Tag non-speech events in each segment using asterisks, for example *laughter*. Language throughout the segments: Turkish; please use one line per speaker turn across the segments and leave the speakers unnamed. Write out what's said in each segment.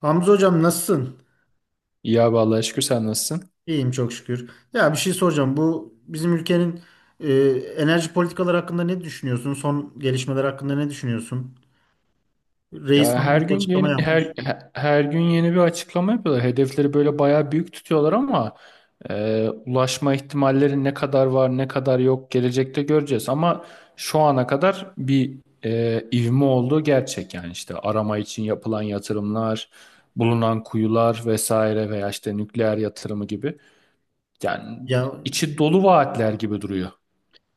Hamza hocam nasılsın?
Ya vallahi şükür, sen nasılsın?
İyiyim çok şükür. Ya bir şey soracağım. Bu bizim ülkenin e, enerji politikaları hakkında ne düşünüyorsun? Son gelişmeler hakkında ne düşünüyorsun?
Ya
Reis hanım
her
bir
gün
açıklama
yeni
yapmış.
her gün yeni bir açıklama yapıyorlar. Hedefleri böyle bayağı büyük tutuyorlar ama ulaşma ihtimalleri ne kadar var, ne kadar yok gelecekte göreceğiz. Ama şu ana kadar bir ivme olduğu gerçek, yani işte arama için yapılan yatırımlar, bulunan kuyular vesaire veya işte nükleer yatırımı gibi. Yani
Ya
içi dolu vaatler gibi duruyor.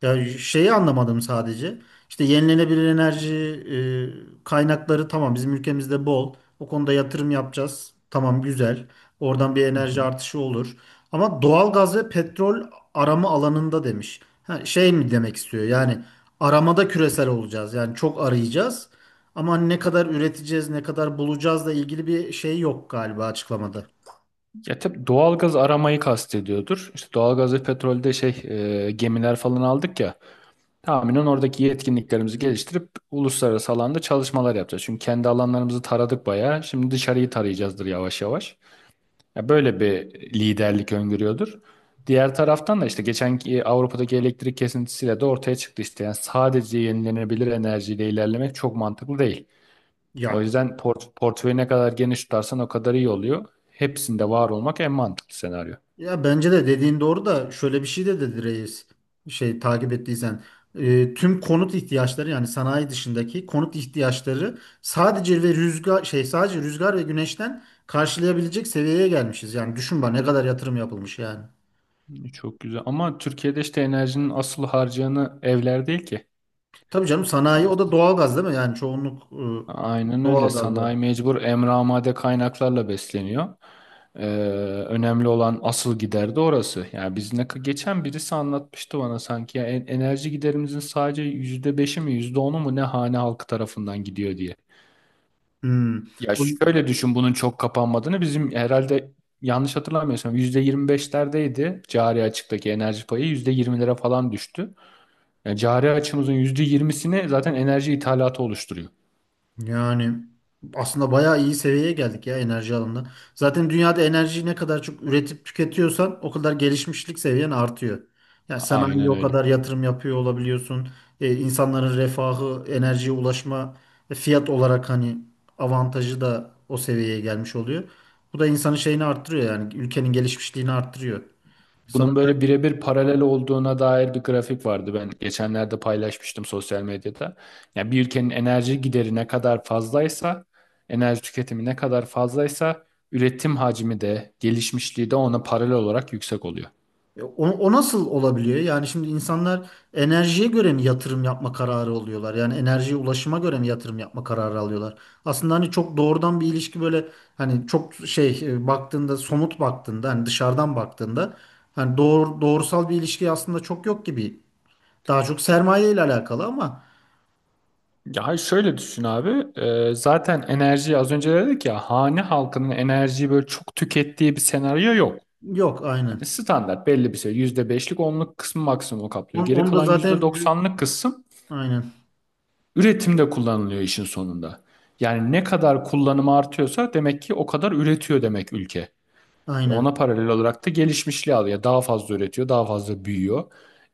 Ya, şeyi anlamadım sadece. İşte yenilenebilir enerji kaynakları tamam bizim ülkemizde bol. O konuda yatırım yapacağız. Tamam güzel. Oradan bir enerji artışı olur. Ama doğal gaz ve petrol arama alanında demiş. Ha, şey mi demek istiyor? Yani aramada küresel olacağız. Yani çok arayacağız. Ama ne kadar üreteceğiz, ne kadar bulacağızla ilgili bir şey yok galiba açıklamada.
Ya tabii doğalgaz aramayı kastediyordur. İşte doğalgaz ve petrolde şey, gemiler falan aldık ya. Tahminen oradaki yetkinliklerimizi geliştirip uluslararası alanda çalışmalar yapacağız. Çünkü kendi alanlarımızı taradık bayağı. Şimdi dışarıyı tarayacağızdır yavaş yavaş. Ya böyle bir liderlik öngörüyordur. Diğer taraftan da işte geçen ki Avrupa'daki elektrik kesintisiyle de ortaya çıktı işte. Yani sadece yenilenebilir enerjiyle ilerlemek çok mantıklı değil. O
Ya
yüzden portföyü ne kadar geniş tutarsan o kadar iyi oluyor. Hepsinde var olmak en mantıklı senaryo.
Ya, bence de dediğin doğru da şöyle bir şey de dedi reis şey takip ettiysen tüm konut ihtiyaçları yani sanayi dışındaki konut ihtiyaçları sadece ve rüzgar şey sadece rüzgar ve güneşten karşılayabilecek seviyeye gelmişiz. Yani düşün bak ne kadar yatırım yapılmış yani.
Çok güzel. Ama Türkiye'de işte enerjinin asıl harcayanı evler değil ki.
Tabii canım sanayi o da doğalgaz değil mi? Yani çoğunluk
Aynen öyle.
doğalgazda.
Sanayi mecbur emramade kaynaklarla besleniyor. Ee, Önemli olan asıl gider de orası. Yani biz ne geçen birisi anlatmıştı bana sanki, ya enerji giderimizin sadece %5'i mi, yüzde onu mu ne hane halkı tarafından gidiyor diye.
Hmm.
Ya şöyle düşün, bunun çok kapanmadığını, bizim herhalde yanlış hatırlamıyorsam %25'lerdeydi cari açıktaki enerji payı, %20'lere falan düştü. Yani cari açımızın %20'sini zaten enerji ithalatı oluşturuyor.
Yani aslında bayağı iyi seviyeye geldik ya enerji alanında. Zaten dünyada enerjiyi ne kadar çok üretip tüketiyorsan o kadar gelişmişlik seviyen artıyor. Yani sanayiye
Aynen
o
öyle.
kadar yatırım yapıyor olabiliyorsun. İnsanların refahı, enerjiye ulaşma fiyat olarak hani avantajı da o seviyeye gelmiş oluyor. Bu da insanın şeyini arttırıyor yani ülkenin gelişmişliğini arttırıyor. Sanırım
Bunun böyle birebir paralel olduğuna dair bir grafik vardı. Ben geçenlerde paylaşmıştım sosyal medyada. Yani bir ülkenin enerji gideri ne kadar fazlaysa, enerji tüketimi ne kadar fazlaysa üretim hacmi de, gelişmişliği de ona paralel olarak yüksek oluyor.
o nasıl olabiliyor? Yani şimdi insanlar enerjiye göre mi yatırım yapma kararı oluyorlar? Yani enerjiye ulaşıma göre mi yatırım yapma kararı alıyorlar? Aslında hani çok doğrudan bir ilişki böyle hani çok şey baktığında somut baktığında hani dışarıdan baktığında hani doğrusal bir ilişki aslında çok yok gibi. Daha çok sermaye ile alakalı ama
Ya hayır, şöyle düşün abi. Zaten enerjiyi az önce dedik ya, hane halkının enerjiyi böyle çok tükettiği bir senaryo yok.
yok aynen.
Standart belli bir şey. %5'lik, onluk kısmı maksimum kaplıyor.
Onu,
Geri
onu da
kalan yüzde
zaten
doksanlık kısım
aynen
üretimde kullanılıyor işin sonunda. Yani ne kadar kullanımı artıyorsa demek ki o kadar üretiyor demek ülke. Ona
aynen.
paralel olarak da gelişmişliği alıyor. Yani daha fazla üretiyor, daha fazla büyüyor.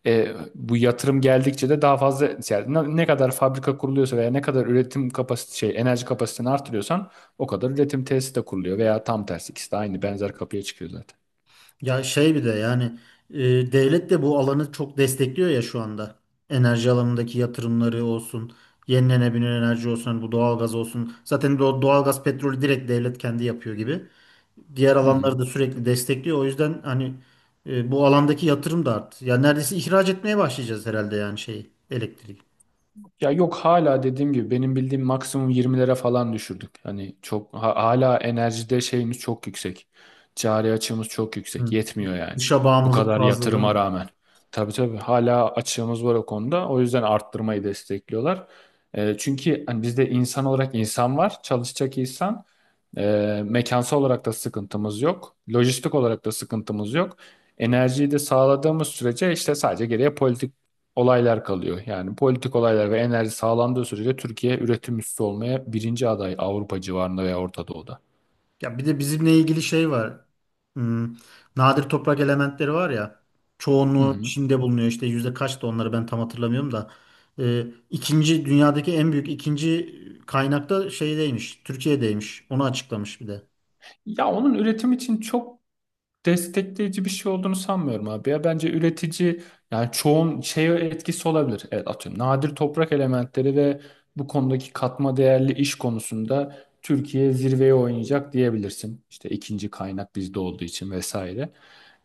Bu yatırım geldikçe de daha fazla, yani ne kadar fabrika kuruluyorsa veya ne kadar üretim kapasite şey enerji kapasitesini artırıyorsan o kadar üretim tesisi de kuruluyor, veya tam tersi, ikisi de aynı benzer kapıya çıkıyor zaten.
Ya şey bir de yani e, devlet de bu alanı çok destekliyor ya şu anda. Enerji alanındaki yatırımları olsun, yenilenebilir enerji olsun, hani bu doğalgaz olsun. Zaten doğalgaz, petrolü direkt devlet kendi yapıyor gibi. Diğer
Hı hı.
alanları da sürekli destekliyor. O yüzden hani bu alandaki yatırım da arttı. Ya neredeyse ihraç etmeye başlayacağız herhalde yani şeyi, elektriği.
Ya yok, hala dediğim gibi, benim bildiğim maksimum 20'lere falan düşürdük. Hani çok hala enerjide şeyimiz çok yüksek. Cari açığımız çok yüksek.
Hı.
Yetmiyor yani.
Dışa
Bu
bağımlılık
kadar
fazla değil
yatırıma
mi?
rağmen. Tabii tabii, hala açığımız var o konuda. O yüzden arttırmayı destekliyorlar. Çünkü hani bizde insan olarak insan var. Çalışacak insan. Mekansal olarak da sıkıntımız yok. Lojistik olarak da sıkıntımız yok. Enerjiyi de sağladığımız sürece işte sadece geriye politik olaylar kalıyor. Yani politik olaylar ve enerji sağlandığı sürece Türkiye üretim üssü olmaya birinci aday Avrupa civarında veya Orta Doğu'da.
Ya bir de bizimle ilgili şey var. Hmm, nadir toprak elementleri var ya.
Hı
Çoğunluğu
hı.
Çin'de bulunuyor. İşte yüzde kaçtı onları ben tam hatırlamıyorum da. İkinci dünyadaki en büyük ikinci kaynakta şeydeymiş. Türkiye'deymiş. Onu açıklamış bir de.
Ya onun üretim için çok destekleyici bir şey olduğunu sanmıyorum abi ya. Bence üretici, yani çoğun şeye etkisi olabilir. Evet, atıyorum, nadir toprak elementleri ve bu konudaki katma değerli iş konusunda Türkiye zirveye oynayacak diyebilirsin. İşte ikinci kaynak bizde olduğu için vesaire.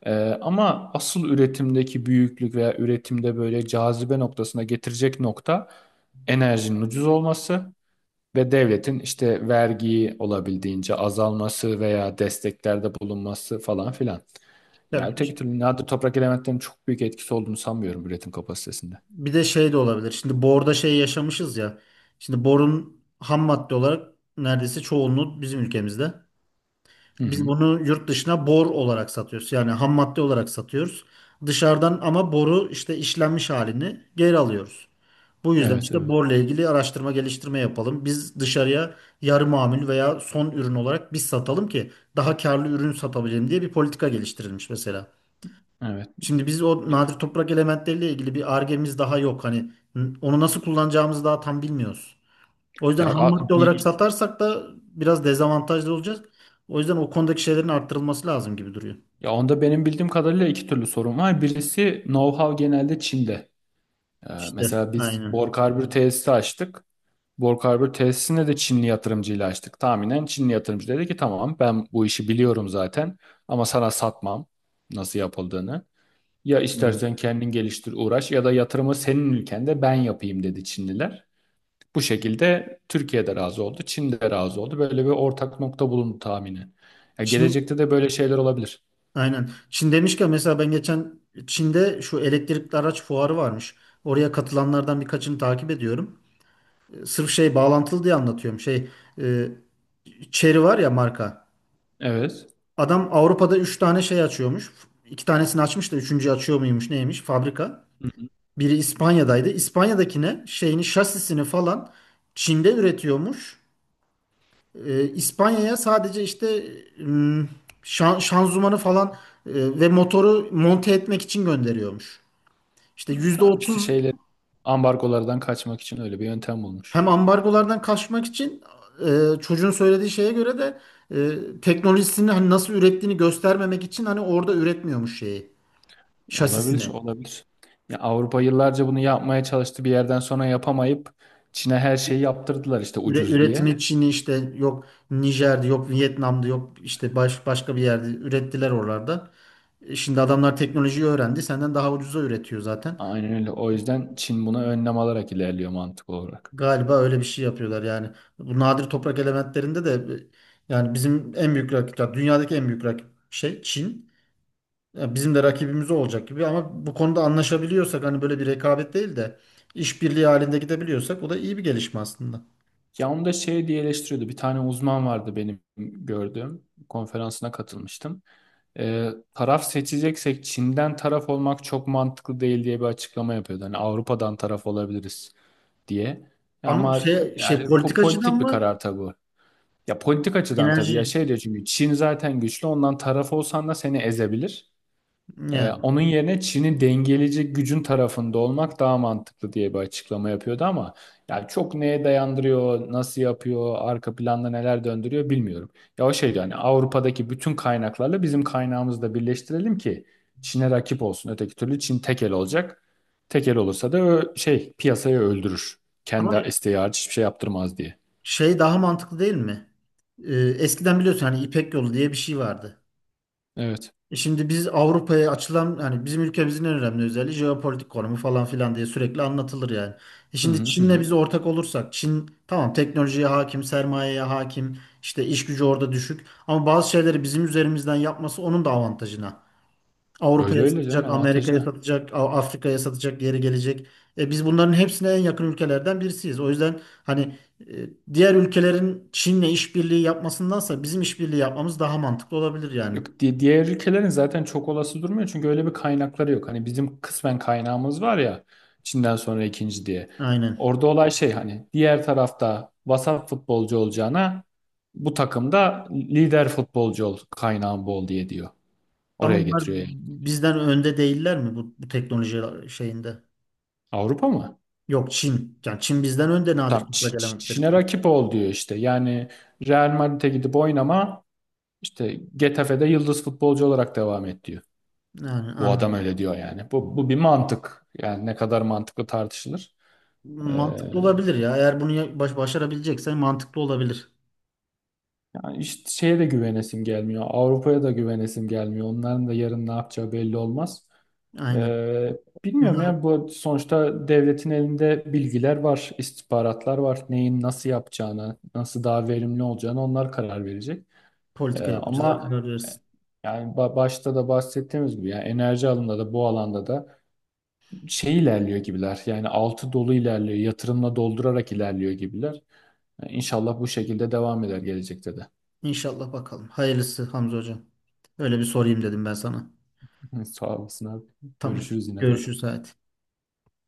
Ama asıl üretimdeki büyüklük veya üretimde böyle cazibe noktasına getirecek nokta enerjinin ucuz olması ve devletin işte vergiyi olabildiğince azalması veya desteklerde bulunması falan filan.
Ya
Yani öteki
bir
türlü nadir toprak elementlerinin çok büyük etkisi olduğunu sanmıyorum üretim kapasitesinde.
bir de şey de olabilir. Şimdi borda şey yaşamışız ya. Şimdi borun ham madde olarak neredeyse çoğunluğu bizim ülkemizde.
Hı
Biz
hı.
bunu yurt dışına bor olarak satıyoruz. Yani ham madde olarak satıyoruz. Dışarıdan ama boru işte işlenmiş halini geri alıyoruz. Bu yüzden
Evet,
işte
evet.
borla ilgili araştırma geliştirme yapalım. Biz dışarıya yarı mamul veya son ürün olarak biz satalım ki daha karlı ürün satabilelim diye bir politika geliştirilmiş mesela.
Evet.
Şimdi biz o
Ya,
nadir toprak elementleriyle ilgili bir argemiz daha yok. Hani onu nasıl kullanacağımızı daha tam bilmiyoruz. O yüzden
ya,
ham
a-
madde
bi-
olarak
bi-
satarsak da biraz dezavantajlı olacağız. O yüzden o konudaki şeylerin arttırılması lazım gibi duruyor.
ya onda benim bildiğim kadarıyla iki türlü sorun var. Birisi know-how genelde Çin'de.
İşte
Mesela biz
aynen.
bor karbür tesisi açtık. Borg Harbor tesisine de Çinli yatırımcıyla açtık. Tahminen Çinli yatırımcı dedi ki, tamam, ben bu işi biliyorum zaten ama sana satmam nasıl yapıldığını. Ya
Hı.
istersen kendin geliştir uğraş, ya da yatırımı senin ülkende ben yapayım, dedi Çinliler. Bu şekilde Türkiye'de razı oldu, Çin'de razı oldu. Böyle bir ortak nokta bulundu tahmini. Ya
Çin
gelecekte de böyle şeyler olabilir.
aynen. Çin demişken mesela ben geçen Çin'de şu elektrikli araç fuarı varmış. Oraya katılanlardan birkaçını takip ediyorum. E, sırf şey bağlantılı diye anlatıyorum. Şey e, Chery var ya marka.
Evet.
Adam Avrupa'da 3 tane şey açıyormuş. İki tanesini açmış da üçüncüyü açıyor muymuş neymiş fabrika.
Hı hı.
Biri İspanya'daydı. İspanya'dakine şeyini şasisini falan Çin'de üretiyormuş. İspanya'ya sadece işte ım, şanzımanı falan ve motoru monte etmek için gönderiyormuş. İşte yüzde
Tamam, işte
otuz
şeyler ambargolardan kaçmak için öyle bir yöntem bulmuş.
hem ambargolardan kaçmak için çocuğun söylediği şeye göre de teknolojisini hani nasıl ürettiğini göstermemek için hani orada üretmiyormuş şeyi
Ya olabilir,
şasisini.
olabilir. Ya Avrupa yıllarca bunu yapmaya çalıştı. Bir yerden sonra yapamayıp Çin'e her şeyi yaptırdılar işte, ucuz
Üretimi
diye.
Çin'i işte yok Nijer'de yok Vietnam'da yok işte başka bir yerde ürettiler oralarda. E şimdi adamlar teknolojiyi öğrendi. Senden daha ucuza üretiyor zaten.
Aynen öyle. O yüzden Çin buna önlem alarak ilerliyor, mantık olarak.
Galiba öyle bir şey yapıyorlar yani. Bu nadir toprak elementlerinde de yani bizim en büyük ya dünyadaki en büyük rakip şey Çin. Ya bizim de rakibimiz o olacak gibi ama bu konuda anlaşabiliyorsak hani böyle bir rekabet değil de işbirliği halinde gidebiliyorsak o da iyi bir gelişme aslında.
Ya onu da şey diye eleştiriyordu. Bir tane uzman vardı benim gördüğüm. Konferansına katılmıştım. Taraf seçeceksek Çin'den taraf olmak çok mantıklı değil diye bir açıklama yapıyordu. Hani Avrupa'dan taraf olabiliriz diye. Ya
Ama
ama
şey
yani
politikacıdan
politik bir
mı
karar tabii bu. Ya politik açıdan tabii, ya
enerji
şey diyor, çünkü Çin zaten güçlü, ondan taraf olsan da seni ezebilir.
yani.
Onun yerine Çin'i dengeleyecek gücün tarafında olmak daha mantıklı diye bir açıklama yapıyordu ama, ya çok neye dayandırıyor, nasıl yapıyor, arka planda neler döndürüyor bilmiyorum. Ya o şey diyor, hani Avrupa'daki bütün kaynaklarla bizim kaynağımızı da birleştirelim ki Çin'e rakip olsun. Öteki türlü Çin tek el olacak. Tek el olursa da şey, piyasayı öldürür. Kendi
Ama
isteği hariç hiçbir şey yaptırmaz diye.
şey daha mantıklı değil mi? Eskiden biliyorsun hani İpek Yolu diye bir şey vardı.
Evet.
E şimdi biz Avrupa'ya açılan hani bizim ülkemizin en önemli özelliği jeopolitik konumu falan filan diye sürekli anlatılır yani. E
Hı
şimdi
hı hı,
Çin'le
hı.
biz ortak olursak Çin tamam teknolojiye hakim, sermayeye hakim, işte iş gücü orada düşük ama bazı şeyleri bizim üzerimizden yapması onun da avantajına.
Öyle
Avrupa'ya
öyle canım,
satacak,
avantajı
Amerika'ya
ne?
satacak, Afrika'ya satacak, geri gelecek. E biz bunların hepsine en yakın ülkelerden birisiyiz. O yüzden hani diğer ülkelerin Çin'le işbirliği yapmasındansa bizim işbirliği yapmamız daha mantıklı olabilir yani.
Yok, diğer ülkelerin zaten çok olası durmuyor, çünkü öyle bir kaynakları yok. Hani bizim kısmen kaynağımız var ya, Çin'den sonra ikinci diye.
Aynen.
Orada olay şey, hani diğer tarafta vasat futbolcu olacağına bu takımda lider futbolcu ol, kaynağın bol diye diyor.
Ama
Oraya
bunlar
getiriyor yani.
bizden önde değiller mi bu teknoloji şeyinde?
Avrupa mı?
Yok Çin. Yani Çin bizden önde nadir
Tam
toprak elementleri.
Çin'e
Konu-
rakip ol diyor işte. Yani Real Madrid'e gidip oynama, işte Getafe'de yıldız futbolcu olarak devam et diyor.
Yani
Bu adam
anladım.
öyle diyor yani. Bu bir mantık. Yani ne kadar mantıklı tartışılır. Ee,
Mantıklı olabilir ya. Eğer bunu başarabileceksen mantıklı olabilir.
Yani işte şeye de güvenesim gelmiyor. Avrupa'ya da güvenesim gelmiyor. Onların da yarın ne yapacağı belli olmaz.
Aynen.
Ee, Bilmiyorum
Bunlar
ya, bu sonuçta devletin elinde bilgiler var, istihbaratlar var. Neyin nasıl yapacağını, nasıl daha verimli olacağını onlar karar verecek.
politika yapıcılar
Ama
karar versin.
yani başta da bahsettiğimiz gibi, yani enerji alanında da bu alanda da şey ilerliyor gibiler. Yani altı dolu ilerliyor. Yatırımla doldurarak ilerliyor gibiler. İnşallah bu şekilde devam eder gelecekte de.
İnşallah bakalım. Hayırlısı Hamza hocam. Öyle bir sorayım dedim ben sana.
*laughs* Sağ olasın abi.
Tamam.
Görüşürüz yine zaten.
Görüşürüz hayatım.